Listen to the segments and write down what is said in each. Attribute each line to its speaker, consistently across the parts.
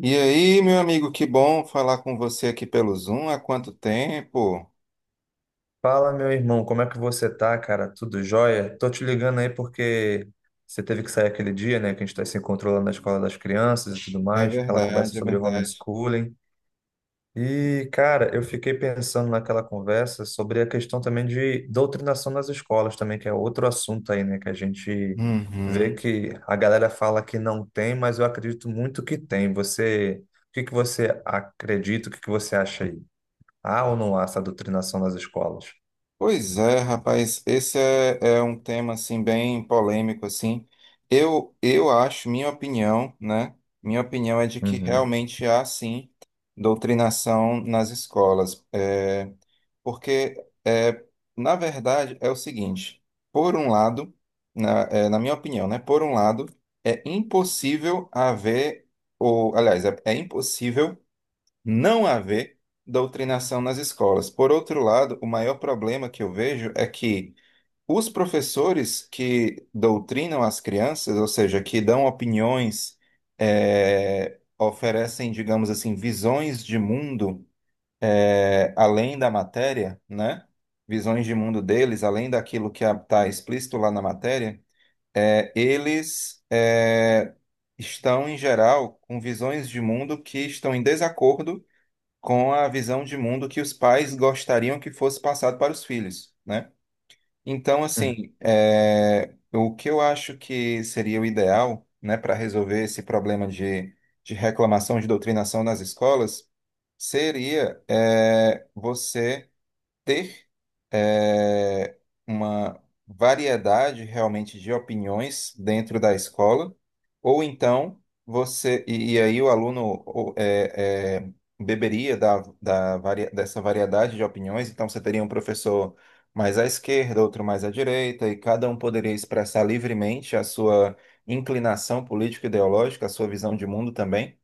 Speaker 1: E aí, meu amigo, que bom falar com você aqui pelo Zoom. Há quanto tempo?
Speaker 2: Fala, meu irmão, como é que você tá, cara? Tudo jóia? Tô te ligando aí porque você teve que sair aquele dia, né, que a gente tá se encontrando lá na escola das crianças e tudo
Speaker 1: É
Speaker 2: mais, aquela conversa
Speaker 1: verdade, é
Speaker 2: sobre
Speaker 1: verdade.
Speaker 2: homeschooling. E, cara, eu fiquei pensando naquela conversa sobre a questão também de doutrinação nas escolas também, que é outro assunto aí, né, que a gente vê
Speaker 1: Uhum.
Speaker 2: que a galera fala que não tem, mas eu acredito muito que tem. Você, o que que você acredita, o que que você acha aí? Há ou não há essa doutrinação nas escolas?
Speaker 1: Pois é, rapaz, esse é um tema assim bem polêmico assim. Eu acho, minha opinião, né? Minha opinião é de que
Speaker 2: Uhum.
Speaker 1: realmente há sim doutrinação nas escolas. Porque, é, na verdade, é o seguinte: por um lado, na minha opinião, né? Por um lado, é impossível haver, ou, aliás, é impossível não haver doutrinação nas escolas. Por outro lado, o maior problema que eu vejo é que os professores que doutrinam as crianças, ou seja, que dão opiniões, oferecem, digamos assim, visões de mundo além da matéria, né? Visões de mundo deles, além daquilo que está explícito lá na matéria, eles estão, em geral, com visões de mundo que estão em desacordo com a visão de mundo que os pais gostariam que fosse passado para os filhos, né? Então,
Speaker 2: Uhum,
Speaker 1: assim, o que eu acho que seria o ideal, né, para resolver esse problema de reclamação, de doutrinação nas escolas, seria você ter eh, uma variedade realmente de opiniões dentro da escola, ou então você, e aí o aluno o- eh, eh, beberia da, dessa variedade de opiniões, então você teria um professor mais à esquerda, outro mais à direita, e cada um poderia expressar livremente a sua inclinação político-ideológica, a sua visão de mundo também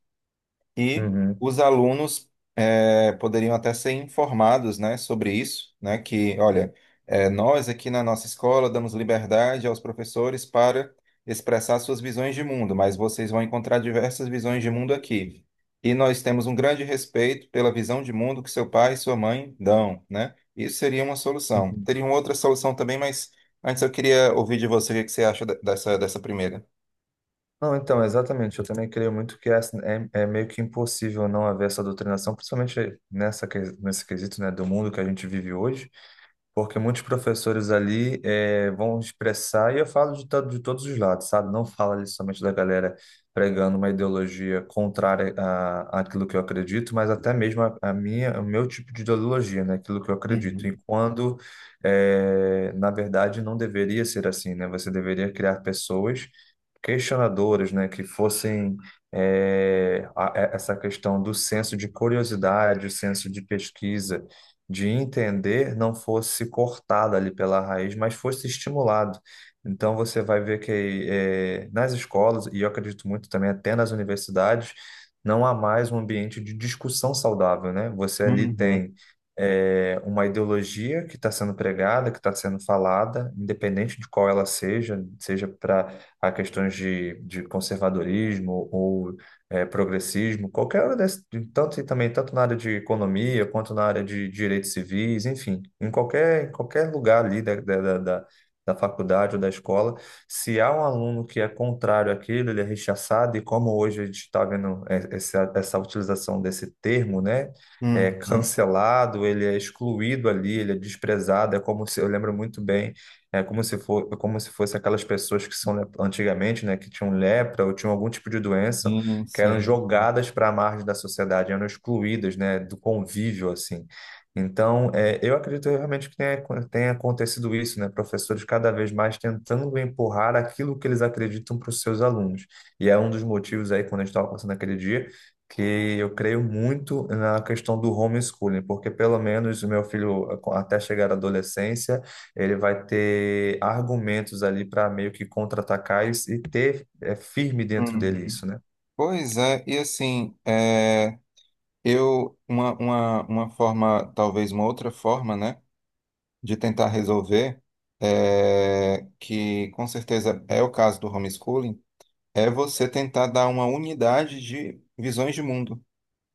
Speaker 1: e
Speaker 2: uhum,
Speaker 1: os alunos poderiam até ser informados, né, sobre isso, né, que, olha, nós aqui na nossa escola damos liberdade aos professores para expressar suas visões de mundo, mas vocês vão encontrar diversas visões de mundo aqui. E nós temos um grande respeito pela visão de mundo que seu pai e sua mãe dão, né? Isso seria uma solução.
Speaker 2: uhum.
Speaker 1: Teria uma outra solução também, mas antes eu queria ouvir de você o que que você acha dessa primeira.
Speaker 2: Não, então, exatamente. Eu também creio muito que é, é meio que impossível não haver essa doutrinação, principalmente nesse quesito, né, do mundo que a gente vive hoje. Porque muitos professores ali vão expressar, e eu falo de todos os lados, sabe? Não falo ali somente da galera pregando uma ideologia contrária àquilo que eu acredito, mas até mesmo a minha, o meu tipo de ideologia, né? Aquilo que eu acredito. E
Speaker 1: Uhum.
Speaker 2: quando, na verdade, não deveria ser assim, né? Você deveria criar pessoas questionadoras, né, que fossem, essa questão do senso de curiosidade, o senso de pesquisa, de entender, não fosse cortada ali pela raiz, mas fosse estimulado. Então você vai ver que nas escolas, e eu acredito muito também até nas universidades, não há mais um ambiente de discussão saudável, né? Você ali
Speaker 1: Uhum.
Speaker 2: tem é, uma ideologia que está sendo pregada, que está sendo falada, independente de qual ela seja, seja para a questões de conservadorismo ou progressismo, qualquer área desse, tanto e também tanto na área de economia quanto na área de direitos civis, enfim, em qualquer lugar ali da faculdade ou da escola, se há um aluno que é contrário àquilo, ele é rechaçado, e como hoje a gente está vendo essa utilização desse termo, né? É
Speaker 1: Uhum.
Speaker 2: cancelado, ele é excluído ali, ele é desprezado. É como se eu lembro muito bem é como se for, como se fosse aquelas pessoas que são antigamente, né, que tinham lepra ou tinham algum tipo de doença,
Speaker 1: Sim,
Speaker 2: que eram
Speaker 1: sim.
Speaker 2: jogadas para a margem da sociedade, eram excluídas, né, do convívio assim. Então, é, eu acredito realmente que tenha acontecido isso, né, professores cada vez mais tentando empurrar aquilo que eles acreditam para os seus alunos. E é um dos motivos aí quando a gente estava passando aquele dia que eu creio muito na questão do homeschooling, porque pelo menos o meu filho até chegar à adolescência ele vai ter argumentos ali para meio que contra-atacar e ter é, firme dentro dele
Speaker 1: Uhum.
Speaker 2: isso, né?
Speaker 1: Pois é, e assim, uma forma, talvez uma outra forma, né, de tentar resolver, que com certeza é o caso do homeschooling, é você tentar dar uma unidade de visões de mundo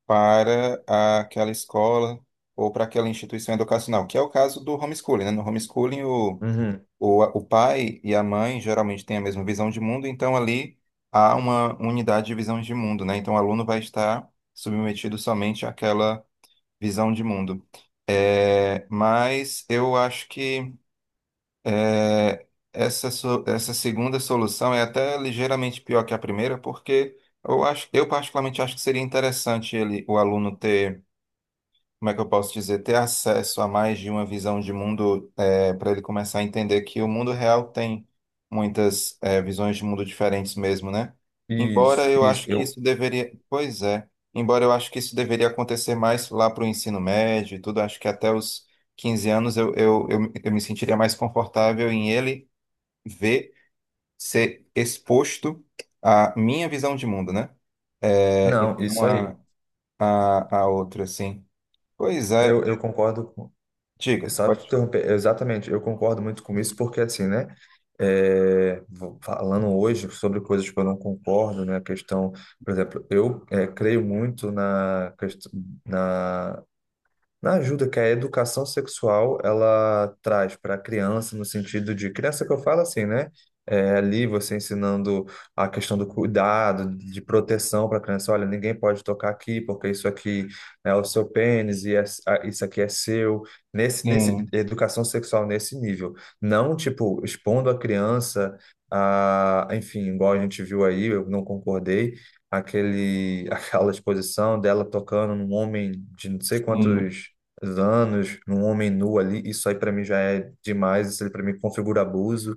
Speaker 1: para aquela escola ou para aquela instituição educacional, que é o caso do homeschooling, né? No homeschooling, o,
Speaker 2: Uhum.
Speaker 1: o pai e a mãe geralmente têm a mesma visão de mundo, então ali há uma unidade de visão de mundo, né? Então o aluno vai estar submetido somente àquela visão de mundo. Mas eu acho que é, essa segunda solução é até ligeiramente pior que a primeira, porque eu acho, eu particularmente acho que seria interessante ele, o aluno ter como é que eu posso dizer, ter acesso a mais de uma visão de mundo, para ele começar a entender que o mundo real tem muitas, visões de mundo diferentes mesmo, né? Embora
Speaker 2: Isso,
Speaker 1: eu
Speaker 2: isso.
Speaker 1: acho que isso deveria, pois é, embora eu acho que isso deveria acontecer mais lá para o ensino médio e tudo, acho que até os 15 anos eu me sentiria mais confortável em ele ver, ser exposto à minha visão de mundo, né? E
Speaker 2: Não,
Speaker 1: não
Speaker 2: isso
Speaker 1: a,
Speaker 2: aí.
Speaker 1: a, a outra, assim. Pois é.
Speaker 2: Eu concordo com.
Speaker 1: Diga,
Speaker 2: Sabe, te
Speaker 1: pode falar.
Speaker 2: interromper. Exatamente, eu concordo muito com isso, porque assim, né? Falando hoje sobre coisas que eu não concordo, né? A questão, por exemplo, eu é, creio muito na Na ajuda que a educação sexual ela traz para a criança, no sentido de criança que eu falo assim, né? É, ali você ensinando a questão do cuidado, de proteção para a criança. Olha, ninguém pode tocar aqui, porque isso aqui é o seu pênis e isso aqui é seu. Nesse
Speaker 1: Sim,
Speaker 2: educação sexual nesse nível, não tipo expondo a criança a, enfim, igual a gente viu aí, eu não concordei aquele, aquela exposição dela tocando num homem de não sei
Speaker 1: sim,
Speaker 2: quantos anos, um homem nu ali, isso aí para mim já é demais, isso aí para mim configura abuso.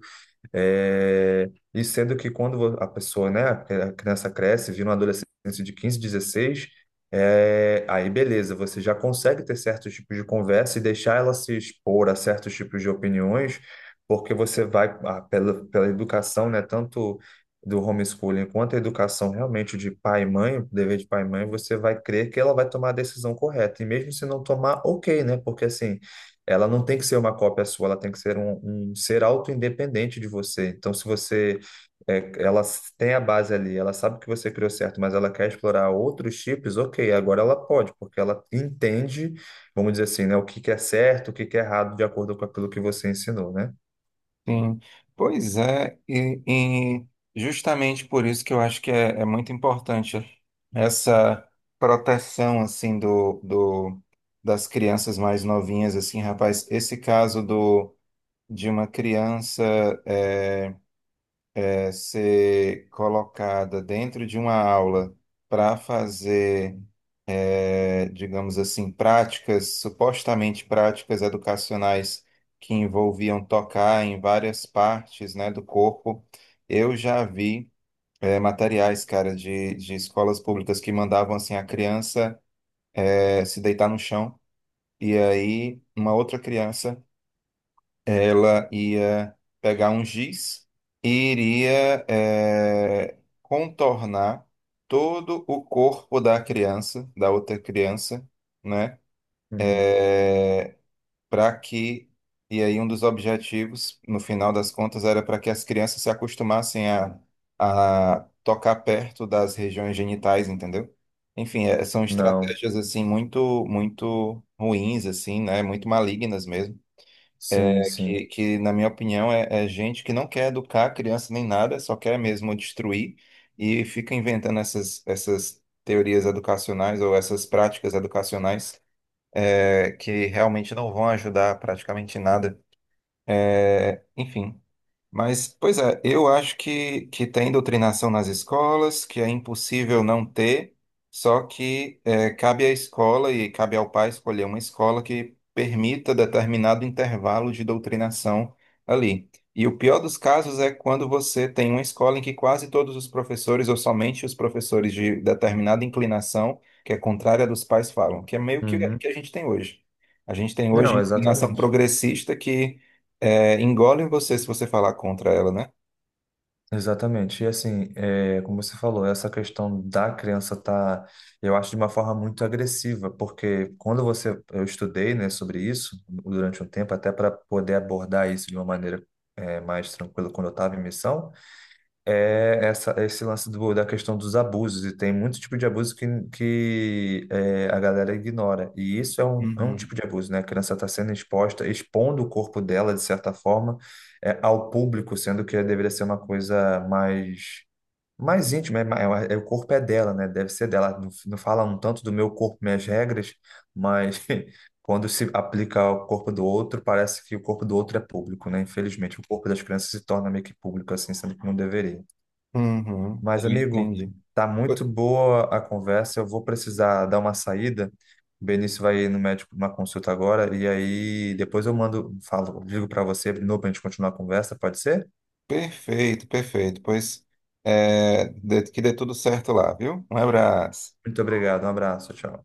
Speaker 2: É, e sendo que quando a pessoa, né, a criança cresce, vira uma adolescente de 15, 16, é, aí beleza, você já consegue ter certos tipos de conversa e deixar ela se expor a certos tipos de opiniões, porque você vai, ah, pela educação, né, tanto do homeschooling quanto a educação realmente de pai e mãe, dever de pai e mãe, você vai crer que ela vai tomar a decisão correta, e mesmo se não tomar, ok, né, porque assim. Ela não tem que ser uma cópia sua, ela tem que ser um ser auto-independente de você. Então, se você. É, ela tem a base ali, ela sabe que você criou certo, mas ela quer explorar outros chips, ok, agora ela pode, porque ela entende, vamos dizer assim, né, o que que é certo, o que que é errado, de acordo com aquilo que você ensinou, né?
Speaker 1: sim. Pois é, e justamente por isso que eu acho que é muito importante essa proteção, assim, das crianças mais novinhas, assim, rapaz, esse caso de uma criança é, ser colocada dentro de uma aula para fazer digamos assim, práticas, supostamente práticas educacionais que envolviam tocar em várias partes, né, do corpo. Eu já vi materiais, cara, de escolas públicas que mandavam assim a criança se deitar no chão e aí uma outra criança ela ia pegar um giz e iria contornar todo o corpo da criança, da outra criança, né?
Speaker 2: Uhum.
Speaker 1: é, para que, e aí um dos objetivos, no final das contas, era para que as crianças se acostumassem a, tocar perto das regiões genitais, entendeu? Enfim, são
Speaker 2: Não,
Speaker 1: estratégias assim muito, muito ruins, assim, né? Muito malignas mesmo.
Speaker 2: sim,
Speaker 1: É que,
Speaker 2: sim.
Speaker 1: que, na minha opinião, é gente que não quer educar a criança nem nada, só quer mesmo destruir e fica inventando essas teorias educacionais ou essas práticas educacionais que realmente não vão ajudar praticamente em nada. Enfim. Mas, pois é, eu acho que tem doutrinação nas escolas, que é impossível não ter, só que cabe à escola e cabe ao pai escolher uma escola que permita determinado intervalo de doutrinação ali. E o pior dos casos é quando você tem uma escola em que quase todos os professores, ou somente os professores de determinada inclinação, que é contrária dos pais, falam, que é meio que,
Speaker 2: Uhum.
Speaker 1: que a gente tem hoje. A gente tem hoje
Speaker 2: Não,
Speaker 1: inclinação
Speaker 2: exatamente.
Speaker 1: progressista que engole você se você falar contra ela, né?
Speaker 2: Exatamente. E assim, é, como você falou, essa questão da criança tá, eu acho, de uma forma muito agressiva, porque quando você, eu estudei, né, sobre isso durante um tempo, até para poder abordar isso de uma maneira, é, mais tranquila quando eu estava em missão, esse lance da questão dos abusos, e tem muito tipo de abuso que é, a galera ignora. E isso é é um
Speaker 1: Uhum.
Speaker 2: tipo de abuso, né? A criança está sendo exposta, expondo o corpo dela, de certa forma, é, ao público, sendo que deveria ser uma coisa mais íntima, o corpo é dela, né? Deve ser dela. Não, não fala um tanto do meu corpo, minhas regras, mas quando se aplica ao corpo do outro, parece que o corpo do outro é público, né? Infelizmente, o corpo das crianças se torna meio que público, assim, sendo que não deveria.
Speaker 1: Uhum,
Speaker 2: Mas,
Speaker 1: eu
Speaker 2: amigo,
Speaker 1: entendi.
Speaker 2: tá muito
Speaker 1: Pe-
Speaker 2: boa a conversa. Eu vou precisar dar uma saída. O Benício vai no médico numa consulta agora. E aí depois eu mando, falo, ligo para você de novo para a gente continuar a conversa, pode ser?
Speaker 1: Perfeito, perfeito. Pois é, que dê tudo certo lá, viu? Um abraço.
Speaker 2: Muito obrigado, um abraço, tchau.